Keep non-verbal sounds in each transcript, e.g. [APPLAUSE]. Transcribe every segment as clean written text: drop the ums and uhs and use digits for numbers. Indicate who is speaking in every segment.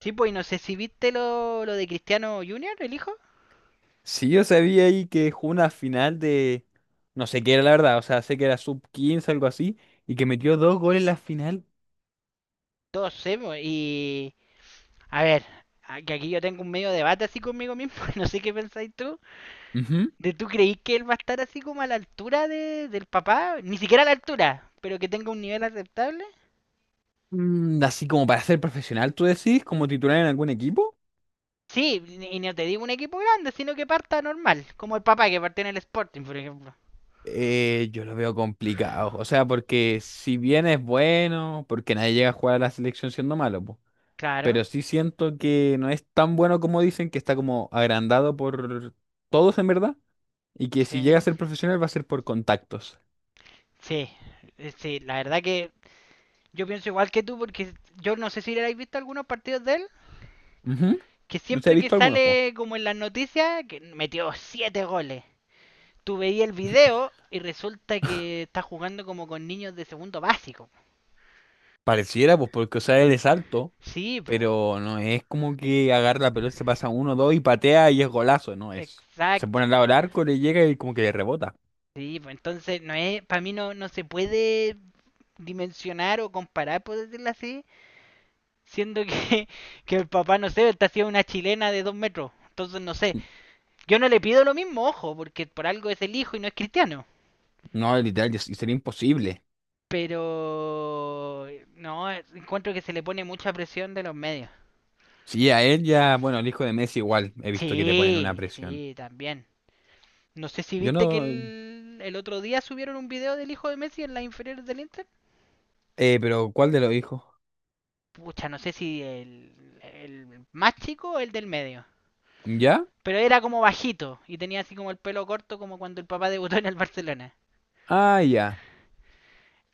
Speaker 1: Sí, pues, y no sé si viste lo de Cristiano Junior, el hijo.
Speaker 2: Sí, yo sabía ahí que jugó una final de... No sé qué era la verdad, o sea, sé que era sub-15 algo así, y que metió dos goles en la final.
Speaker 1: Todos sé, pues, y... A ver, que aquí yo tengo un medio debate así conmigo mismo, [LAUGHS] no sé qué pensáis tú.
Speaker 2: Ujú.
Speaker 1: ¿De tú creís que él va a estar así como a la altura del papá? Ni siquiera a la altura, pero que tenga un nivel aceptable.
Speaker 2: Mm, así como para ser profesional, tú decís, como titular en algún equipo.
Speaker 1: Sí, y no te digo un equipo grande, sino que parta normal, como el papá que partió en el Sporting, por ejemplo.
Speaker 2: Yo lo veo complicado, o sea, porque si bien es bueno, porque nadie llega a jugar a la selección siendo malo, po,
Speaker 1: Claro,
Speaker 2: pero sí siento que no es tan bueno como dicen, que está como agrandado por todos en verdad, y que si llega a ser
Speaker 1: sí.
Speaker 2: profesional va a ser por contactos.
Speaker 1: Sí, sí, la verdad que yo pienso igual que tú porque yo no sé si le habéis visto algunos partidos de él.
Speaker 2: Ujú.
Speaker 1: Que
Speaker 2: No sé, he
Speaker 1: siempre que
Speaker 2: visto algunos, po.
Speaker 1: sale como en las noticias, que metió 7 goles. Tú veías el video y resulta que está jugando como con niños de segundo básico.
Speaker 2: Pareciera, pues, porque, o sea, él es alto,
Speaker 1: Sí, po.
Speaker 2: pero no es como que agarra la pelota, se pasa uno, dos y patea y es golazo, no es. Se
Speaker 1: Exacto,
Speaker 2: pone al lado
Speaker 1: po.
Speaker 2: del arco, le llega y como que le rebota.
Speaker 1: Sí, po. Entonces, no es, para mí no, no se puede dimensionar o comparar, por decirlo así, siendo que, [LAUGHS] que el papá, no sé, está haciendo una chilena de 2 metros. Entonces, no sé. Yo no le pido lo mismo, ojo, porque por algo es el hijo y no es cristiano.
Speaker 2: No, literal, y sería imposible.
Speaker 1: Pero no, encuentro que se le pone mucha presión de los medios.
Speaker 2: Sí, a él ya, bueno, el hijo de Messi igual, he visto que te ponen una
Speaker 1: Sí,
Speaker 2: presión.
Speaker 1: sí, también. No sé si
Speaker 2: Yo
Speaker 1: viste que
Speaker 2: no,
Speaker 1: el otro día subieron un video del hijo de Messi en las inferiores del Inter.
Speaker 2: pero ¿cuál de los hijos?
Speaker 1: Pucha, no sé si el más chico o el del medio.
Speaker 2: ¿Ya?
Speaker 1: Pero era como bajito y tenía así como el pelo corto como cuando el papá debutó en el Barcelona.
Speaker 2: Ah, ya.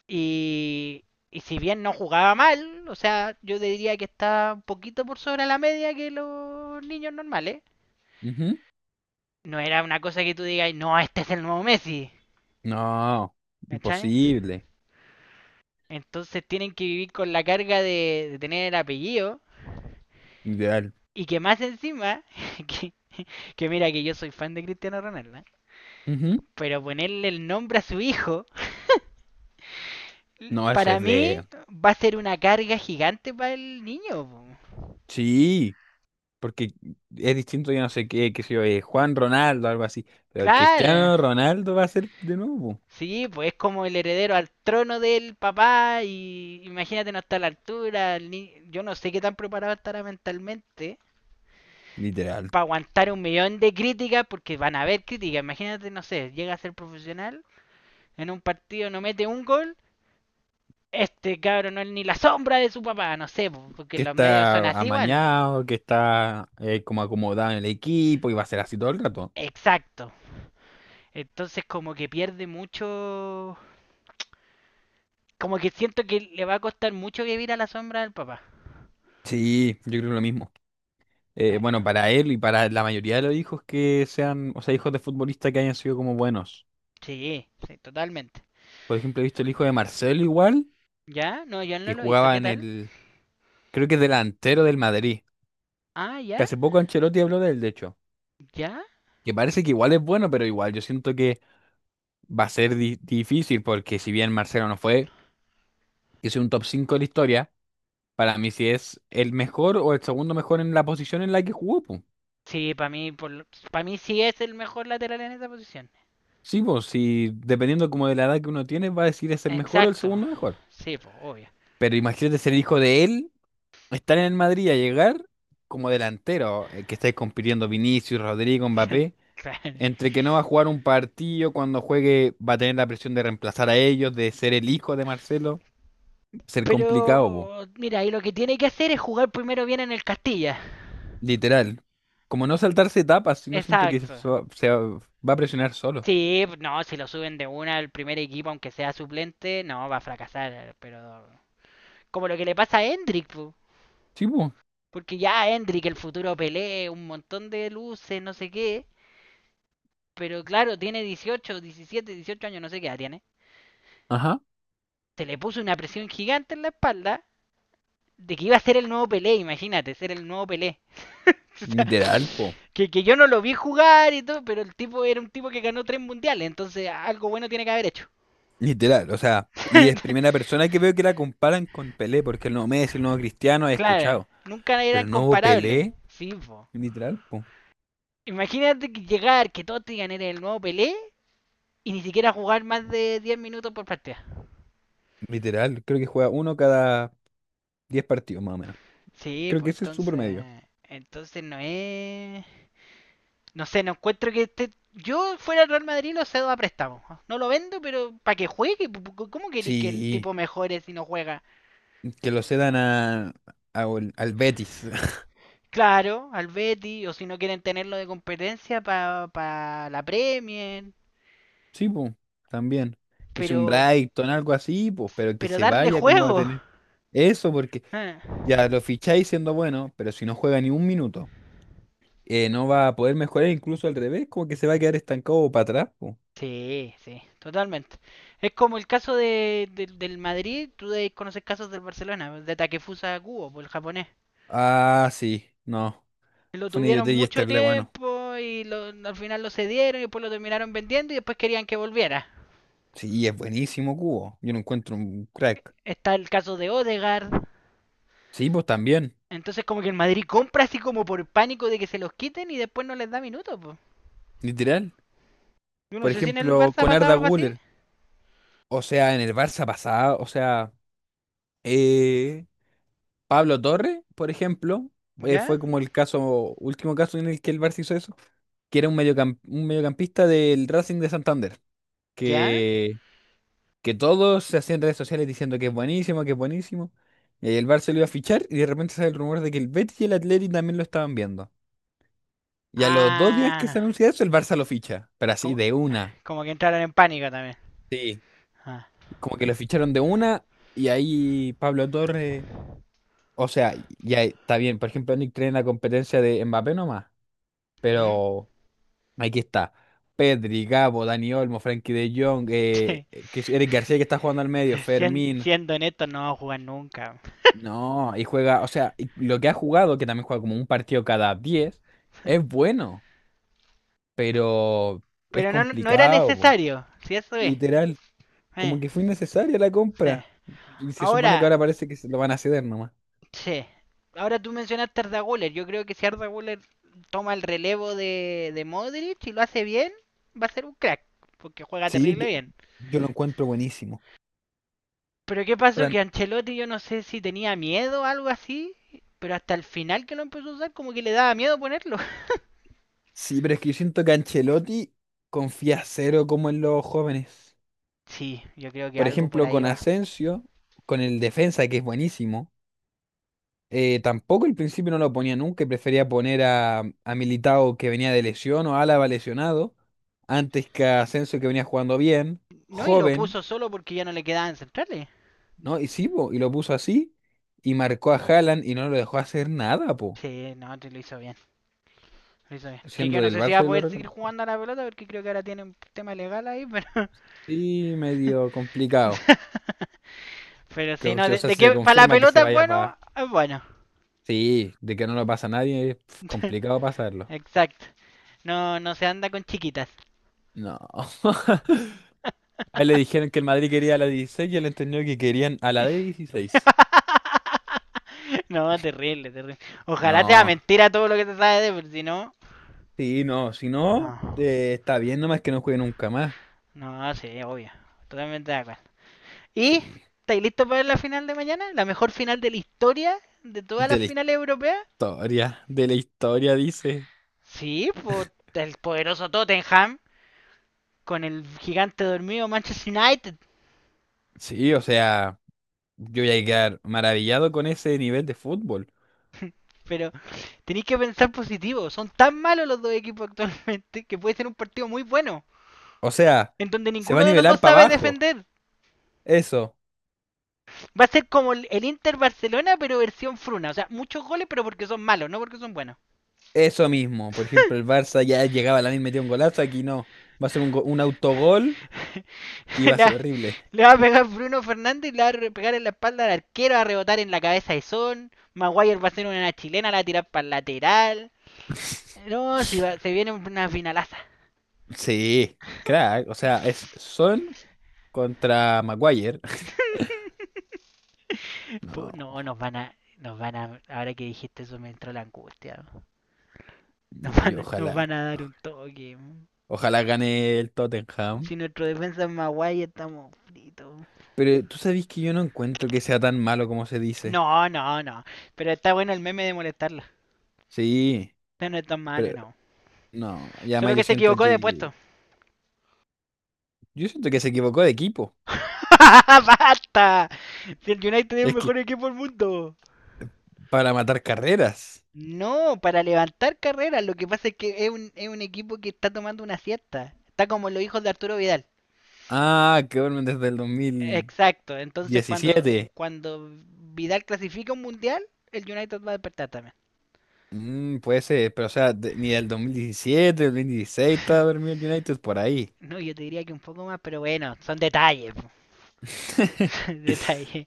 Speaker 1: Y, y si bien no jugaba mal, o sea, yo diría que está un poquito por sobre la media que los niños normales.
Speaker 2: Ujú.
Speaker 1: No era una cosa que tú digas, no, este es el nuevo Messi,
Speaker 2: No,
Speaker 1: ¿cachai?
Speaker 2: imposible.
Speaker 1: Entonces tienen que vivir con la carga de tener el apellido,
Speaker 2: Ideal.
Speaker 1: y que más encima, [LAUGHS] que, que mira que yo soy fan de Cristiano Ronaldo, ¿eh?
Speaker 2: Ujú.
Speaker 1: Pero ponerle el nombre a su hijo,
Speaker 2: No, eso
Speaker 1: para
Speaker 2: es
Speaker 1: mí
Speaker 2: de...
Speaker 1: va a ser una carga gigante para el niño, po.
Speaker 2: Sí. Porque es distinto, yo no sé qué, qué sé yo, Juan Ronaldo, algo así. Pero
Speaker 1: Claro,
Speaker 2: Cristiano Ronaldo va a ser de nuevo,
Speaker 1: sí, pues es como el heredero al trono del papá, y imagínate no está a la altura. El ni-, yo no sé qué tan preparado estará mentalmente
Speaker 2: literal.
Speaker 1: para aguantar un millón de críticas, porque van a haber críticas. Imagínate, no sé, llega a ser profesional, en un partido no mete un gol, este cabrón no es ni la sombra de su papá, no sé, porque
Speaker 2: Que
Speaker 1: los medios son
Speaker 2: está
Speaker 1: así igual.
Speaker 2: amañado, que está como acomodado en el equipo y va a ser así todo el rato.
Speaker 1: Exacto. Entonces como que pierde mucho... Como que siento que le va a costar mucho vivir a la sombra del papá.
Speaker 2: Sí, yo creo lo mismo. Eh,
Speaker 1: Eh,
Speaker 2: bueno, para él y para la mayoría de los hijos que sean, o sea, hijos de futbolistas que hayan sido como buenos.
Speaker 1: sí, sí, totalmente.
Speaker 2: Por ejemplo, he visto el hijo de Marcelo igual,
Speaker 1: ¿Ya? No, yo no
Speaker 2: que
Speaker 1: lo he visto.
Speaker 2: jugaba
Speaker 1: ¿Qué
Speaker 2: en
Speaker 1: tal?
Speaker 2: el, creo que es delantero del Madrid.
Speaker 1: Ah,
Speaker 2: Que
Speaker 1: ¿ya?
Speaker 2: hace poco Ancelotti habló de él, de hecho.
Speaker 1: ¿Ya?
Speaker 2: Que parece que igual es bueno, pero igual yo siento que va a ser difícil porque si bien Marcelo no fue, que es un top 5 de la historia, para mí si es el mejor o el segundo mejor en la posición en la que jugó, po.
Speaker 1: Sí, para mí sí es el mejor lateral en esa posición.
Speaker 2: Sí, pues si dependiendo como de la edad que uno tiene, va a decir es el mejor o el
Speaker 1: Exacto.
Speaker 2: segundo mejor.
Speaker 1: Sí, pues, obvio.
Speaker 2: Pero imagínate ser hijo de él, estar en el Madrid a llegar como delantero, que estáis compitiendo Vinicius, Rodrigo,
Speaker 1: [LAUGHS]
Speaker 2: Mbappé,
Speaker 1: Claro.
Speaker 2: entre que no va a jugar un partido, cuando juegue va a tener la presión de reemplazar a ellos, de ser el hijo de Marcelo, ser complicado, po.
Speaker 1: Pero, mira, y lo que tiene que hacer es jugar primero bien en el Castilla.
Speaker 2: Literal. Como no saltarse etapas, si no siento que
Speaker 1: Exacto.
Speaker 2: se va, va a presionar solo.
Speaker 1: Sí, no, si lo suben de una al primer equipo, aunque sea suplente, no, va a fracasar. Pero, como lo que le pasa a Hendrik, po.
Speaker 2: Sí, po.
Speaker 1: Porque ya Hendrik, el futuro Pelé, un montón de luces, no sé qué. Pero claro, tiene 18, 17, 18 años, no sé qué edad tiene.
Speaker 2: Ajá.
Speaker 1: Se le puso una presión gigante en la espalda de que iba a ser el nuevo Pelé, imagínate, ser el nuevo Pelé.
Speaker 2: Literal, po.
Speaker 1: [LAUGHS] Que yo no lo vi jugar y todo, pero el tipo era un tipo que ganó 3 mundiales, entonces algo bueno tiene que haber hecho.
Speaker 2: Literal, o sea, y es
Speaker 1: [LAUGHS]
Speaker 2: primera persona que veo que la comparan con Pelé, porque el nuevo Messi, el nuevo Cristiano, he
Speaker 1: Claro,
Speaker 2: escuchado.
Speaker 1: nunca
Speaker 2: Pero
Speaker 1: eran
Speaker 2: el nuevo
Speaker 1: comparables.
Speaker 2: Pelé,
Speaker 1: Sí, po.
Speaker 2: literal, po.
Speaker 1: Imagínate, que llegar, que todos te digan eres el nuevo Pelé y ni siquiera jugar más de 10 minutos por partida.
Speaker 2: Literal, creo que juega uno cada 10 partidos más o menos.
Speaker 1: Sí,
Speaker 2: Creo que
Speaker 1: pues
Speaker 2: ese es su
Speaker 1: entonces.
Speaker 2: promedio.
Speaker 1: Entonces no es. No sé, no encuentro que este. Yo fuera el Real Madrid lo cedo a préstamo. No lo vendo, pero para que juegue. ¿Cómo queréis que el tipo
Speaker 2: Sí,
Speaker 1: mejore si no juega?
Speaker 2: que lo cedan al Betis. [LAUGHS]
Speaker 1: Claro, al Betty, o si no quieren tenerlo de competencia para la Premier,
Speaker 2: Sí, po, también. Que sea un
Speaker 1: pero,
Speaker 2: Brighton, algo así, pues, pero que
Speaker 1: pero
Speaker 2: se
Speaker 1: darle
Speaker 2: vaya, ¿cómo va a
Speaker 1: juego.
Speaker 2: tener? Eso porque
Speaker 1: Ah.
Speaker 2: ya lo ficháis siendo bueno, pero si no juega ni un minuto, no va a poder mejorar, incluso al revés, como que se va a quedar estancado para atrás. Po.
Speaker 1: Sí, sí, totalmente. Es como el caso de, del Madrid, tú debes conocer casos del Barcelona, de Takefusa Kubo, por el japonés.
Speaker 2: Ah, sí, no.
Speaker 1: Lo
Speaker 2: Fue una
Speaker 1: tuvieron
Speaker 2: idiotez y
Speaker 1: mucho
Speaker 2: Esterle, bueno.
Speaker 1: tiempo y al final lo cedieron y después lo terminaron vendiendo y después querían que volviera.
Speaker 2: Sí, es buenísimo Cubo. Yo no encuentro un crack.
Speaker 1: Está el caso de Odegaard.
Speaker 2: Sí, pues también,
Speaker 1: Entonces como que el Madrid compra así como por pánico de que se los quiten y después no les da minutos, po.
Speaker 2: literal.
Speaker 1: Yo no
Speaker 2: Por
Speaker 1: sé si en el
Speaker 2: ejemplo,
Speaker 1: Barça ha
Speaker 2: con
Speaker 1: pasado
Speaker 2: Arda
Speaker 1: algo así.
Speaker 2: Güler. O sea, en el Barça pasado, o sea, eh, Pablo Torres, por ejemplo,
Speaker 1: ¿Ya?
Speaker 2: fue como el caso, último caso en el que el Barça hizo eso que era un, un mediocampista del Racing de Santander.
Speaker 1: ¿Ya?
Speaker 2: que, que todos se hacían redes sociales diciendo que es buenísimo, que es buenísimo. Y ahí el Barça lo iba a fichar y de repente sale el rumor de que el Betis y el Atleti también lo estaban viendo. Y a los 2 días que
Speaker 1: Ah,
Speaker 2: se anuncia eso, el Barça lo ficha, pero así
Speaker 1: como,
Speaker 2: de una.
Speaker 1: como que entraron en pánico también.
Speaker 2: Sí.
Speaker 1: Ah.
Speaker 2: Como que lo ficharon de una y ahí Pablo Torres, o sea, ya está bien, por ejemplo, Nick trae en la competencia de Mbappé nomás,
Speaker 1: ¿Mm?
Speaker 2: pero aquí está. Pedri, Gabo, Dani Olmo, Frankie de Jong,
Speaker 1: [LAUGHS]
Speaker 2: que es Eric García que está jugando al medio, Fermín.
Speaker 1: Siendo honesto, no va a jugar nunca.
Speaker 2: No, y juega, o sea, y lo que ha jugado, que también juega como un partido cada 10 es bueno, pero es
Speaker 1: Pero no, no era
Speaker 2: complicado, po.
Speaker 1: necesario, si eso es.
Speaker 2: Literal.
Speaker 1: Eh,
Speaker 2: Como que fue innecesaria la
Speaker 1: eh.
Speaker 2: compra. Y se supone que
Speaker 1: Ahora,
Speaker 2: ahora parece que se lo van a ceder nomás.
Speaker 1: sí. Ahora tú mencionaste a Arda Güler. Yo creo que si Arda Güler toma el relevo de Modric y lo hace bien, va a ser un crack. Porque juega
Speaker 2: Sí,
Speaker 1: terrible
Speaker 2: yo,
Speaker 1: bien.
Speaker 2: yo lo encuentro buenísimo.
Speaker 1: Pero ¿qué pasó?
Speaker 2: Para mí-
Speaker 1: Que Ancelotti yo no sé si tenía miedo o algo así, pero hasta el final que lo empezó a usar como que le daba miedo ponerlo. [LAUGHS]
Speaker 2: sí, pero es que yo siento que Ancelotti confía cero como en los jóvenes.
Speaker 1: Sí, yo creo que
Speaker 2: Por
Speaker 1: algo por
Speaker 2: ejemplo,
Speaker 1: ahí
Speaker 2: con
Speaker 1: va.
Speaker 2: Asensio, con el defensa, que es buenísimo. Tampoco al principio no lo ponía nunca y prefería poner a Militao que venía de lesión o Álava lesionado antes que a Asensio que venía jugando bien,
Speaker 1: No, y lo
Speaker 2: joven,
Speaker 1: puso solo porque ya no le quedaban centrales.
Speaker 2: ¿no? Y sí, po, y lo puso así y marcó a Haaland y no lo dejó hacer nada, po.
Speaker 1: Sí, no, te lo hizo bien, lo hizo bien. Que yo
Speaker 2: Siendo
Speaker 1: no
Speaker 2: del
Speaker 1: sé si va
Speaker 2: Barça
Speaker 1: a
Speaker 2: yo lo
Speaker 1: poder seguir
Speaker 2: reconozco.
Speaker 1: jugando a la pelota porque creo que ahora tiene un tema legal ahí, pero...
Speaker 2: Sí, medio complicado.
Speaker 1: [LAUGHS] pero
Speaker 2: Que,
Speaker 1: sí, no,
Speaker 2: o
Speaker 1: de,
Speaker 2: sea,
Speaker 1: de
Speaker 2: si
Speaker 1: que
Speaker 2: se
Speaker 1: para la
Speaker 2: confirma que se
Speaker 1: pelota es
Speaker 2: vaya
Speaker 1: bueno,
Speaker 2: para...
Speaker 1: es bueno.
Speaker 2: Sí, de que no lo pasa a nadie, es complicado pasarlo.
Speaker 1: Exacto. No, no se anda con chiquitas.
Speaker 2: No. [LAUGHS] A él le dijeron que el Madrid quería a la 16 y él entendió que querían a la de 16.
Speaker 1: [LAUGHS] No, terrible, terrible. Ojalá sea
Speaker 2: No.
Speaker 1: mentira todo lo que te sabes pero si no.
Speaker 2: Sí, no, si no,
Speaker 1: No,
Speaker 2: está bien, nomás que no juegue nunca más.
Speaker 1: no, sí, obvio. Totalmente de acuerdo. ¿Y
Speaker 2: Sí.
Speaker 1: estáis listos para la final de mañana? ¿La mejor final de la historia de todas
Speaker 2: De
Speaker 1: las
Speaker 2: la
Speaker 1: finales europeas?
Speaker 2: de la historia, dice.
Speaker 1: Sí, pues el poderoso Tottenham con el gigante dormido Manchester United.
Speaker 2: Sí, o sea, yo voy a quedar maravillado con ese nivel de fútbol.
Speaker 1: Pero tenéis que pensar positivo. Son tan malos los dos equipos actualmente que puede ser un partido muy bueno.
Speaker 2: O sea,
Speaker 1: En donde
Speaker 2: se va
Speaker 1: ninguno
Speaker 2: a
Speaker 1: de los dos
Speaker 2: nivelar para
Speaker 1: sabe
Speaker 2: abajo.
Speaker 1: defender.
Speaker 2: Eso,
Speaker 1: Va a ser como el Inter Barcelona, pero versión fruna. O sea, muchos goles, pero porque son malos, no porque son buenos.
Speaker 2: eso mismo. Por ejemplo, el Barça ya llegaba a la misma, metía un golazo, aquí no. Va a ser un, un autogol
Speaker 1: [LAUGHS]
Speaker 2: y
Speaker 1: le,
Speaker 2: va a
Speaker 1: va,
Speaker 2: ser horrible.
Speaker 1: le va a pegar Bruno Fernández y le va a pegar en la espalda al arquero, va a rebotar en la cabeza de Son. Maguire va a hacer una chilena, la va a tirar para el lateral. No, si va-
Speaker 2: [LAUGHS]
Speaker 1: se viene una finalaza.
Speaker 2: Sí, crack. O sea, es
Speaker 1: [LAUGHS]
Speaker 2: Son contra Maguire. [LAUGHS] No.
Speaker 1: No, nos van a. Nos van a. Ahora que dijiste eso me entró la angustia, ¿no?
Speaker 2: Oye,
Speaker 1: Nos
Speaker 2: ojalá,
Speaker 1: van a dar un toque.
Speaker 2: ojalá gane el Tottenham.
Speaker 1: Si nuestro defensa es Maguire, estamos fritos.
Speaker 2: Pero tú sabes que yo no encuentro que sea tan malo como se dice.
Speaker 1: No, no, no. Pero está bueno el meme de molestarla.
Speaker 2: Sí,
Speaker 1: No, no es tan malo,
Speaker 2: pero
Speaker 1: no.
Speaker 2: no. Y
Speaker 1: Solo
Speaker 2: además
Speaker 1: que se equivocó de puesto.
Speaker 2: yo siento que se equivocó de equipo.
Speaker 1: [LAUGHS] ¡Basta! Si el United es el
Speaker 2: Es que
Speaker 1: mejor equipo del mundo.
Speaker 2: para matar carreras.
Speaker 1: No, para levantar carreras. Lo que pasa es que es un equipo que está tomando una siesta. Está como los hijos de Arturo Vidal.
Speaker 2: Ah, que vuelven desde el
Speaker 1: Exacto. Entonces,
Speaker 2: 2017.
Speaker 1: cuando Vidal clasifica un mundial, el United va a despertar también.
Speaker 2: Mm, puede ser, pero o sea, ni del 2017, del 2016 estaba dormido el United por ahí.
Speaker 1: No, yo te diría que un poco más, pero bueno, son detalles. [LAUGHS]
Speaker 2: [LAUGHS]
Speaker 1: Detalles.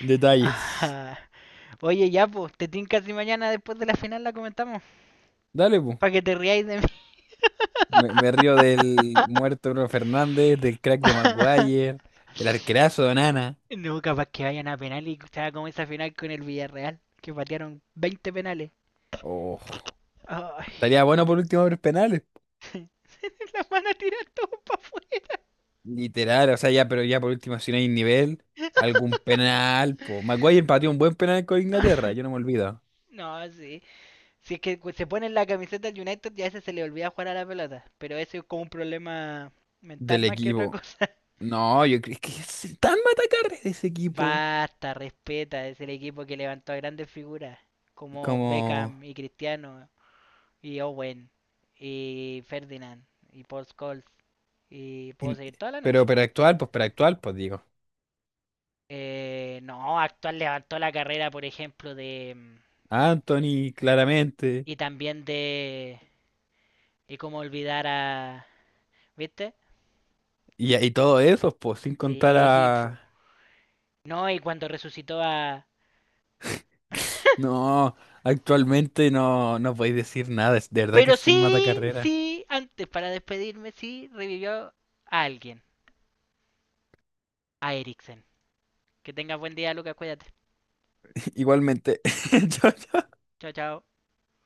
Speaker 2: Detalles.
Speaker 1: Ah. Oye, ya, pues, te tinca si mañana después de la final la comentamos.
Speaker 2: Dale, pues.
Speaker 1: Para que te riáis de mí.
Speaker 2: Me río del
Speaker 1: [LAUGHS]
Speaker 2: muerto Bruno Fernández, del crack de Maguire, del arquerazo de Onana.
Speaker 1: No, capaz que vayan a penal y sea como esa final con el Villarreal, que patearon 20 penales.
Speaker 2: Oh,
Speaker 1: Ay,
Speaker 2: estaría bueno por último ver penales.
Speaker 1: [LAUGHS] la van a tirar todo para afuera.
Speaker 2: Literal, o sea, ya, pero ya por último, si no hay nivel, algún penal. Po. Maguire empató un buen penal con Inglaterra,
Speaker 1: [LAUGHS]
Speaker 2: yo no me olvido.
Speaker 1: No, sí. Si es que se pone en la camiseta del United, ya a ese se le olvida jugar a la pelota. Pero eso es como un problema mental
Speaker 2: Del
Speaker 1: más que otra
Speaker 2: equipo.
Speaker 1: cosa.
Speaker 2: No, yo creo que es tan matacar de ese equipo.
Speaker 1: Basta, respeta, es el equipo que levantó a grandes figuras como
Speaker 2: Como.
Speaker 1: Beckham y Cristiano y Owen y Ferdinand y Paul Scholes y puedo
Speaker 2: In-.
Speaker 1: seguir toda la noche.
Speaker 2: Pero actual, pues digo.
Speaker 1: No, actual levantó la carrera, por ejemplo, de...
Speaker 2: Anthony, claramente.
Speaker 1: Y también de... Y cómo olvidar a... ¿Viste?
Speaker 2: Y todo eso, pues, sin contar
Speaker 1: Sí, [LAUGHS] po.
Speaker 2: a.
Speaker 1: No, y cuando resucitó a... [LAUGHS]
Speaker 2: No, actualmente no, no podéis decir nada, es de verdad que
Speaker 1: Pero
Speaker 2: es un
Speaker 1: sí,
Speaker 2: matacarrera.
Speaker 1: sí, antes para despedirme, sí, revivió a alguien, a Eriksen. Que tengas buen día, Lucas. Cuídate.
Speaker 2: [LAUGHS] Igualmente, [LAUGHS] chao, chao.
Speaker 1: Chao, chao.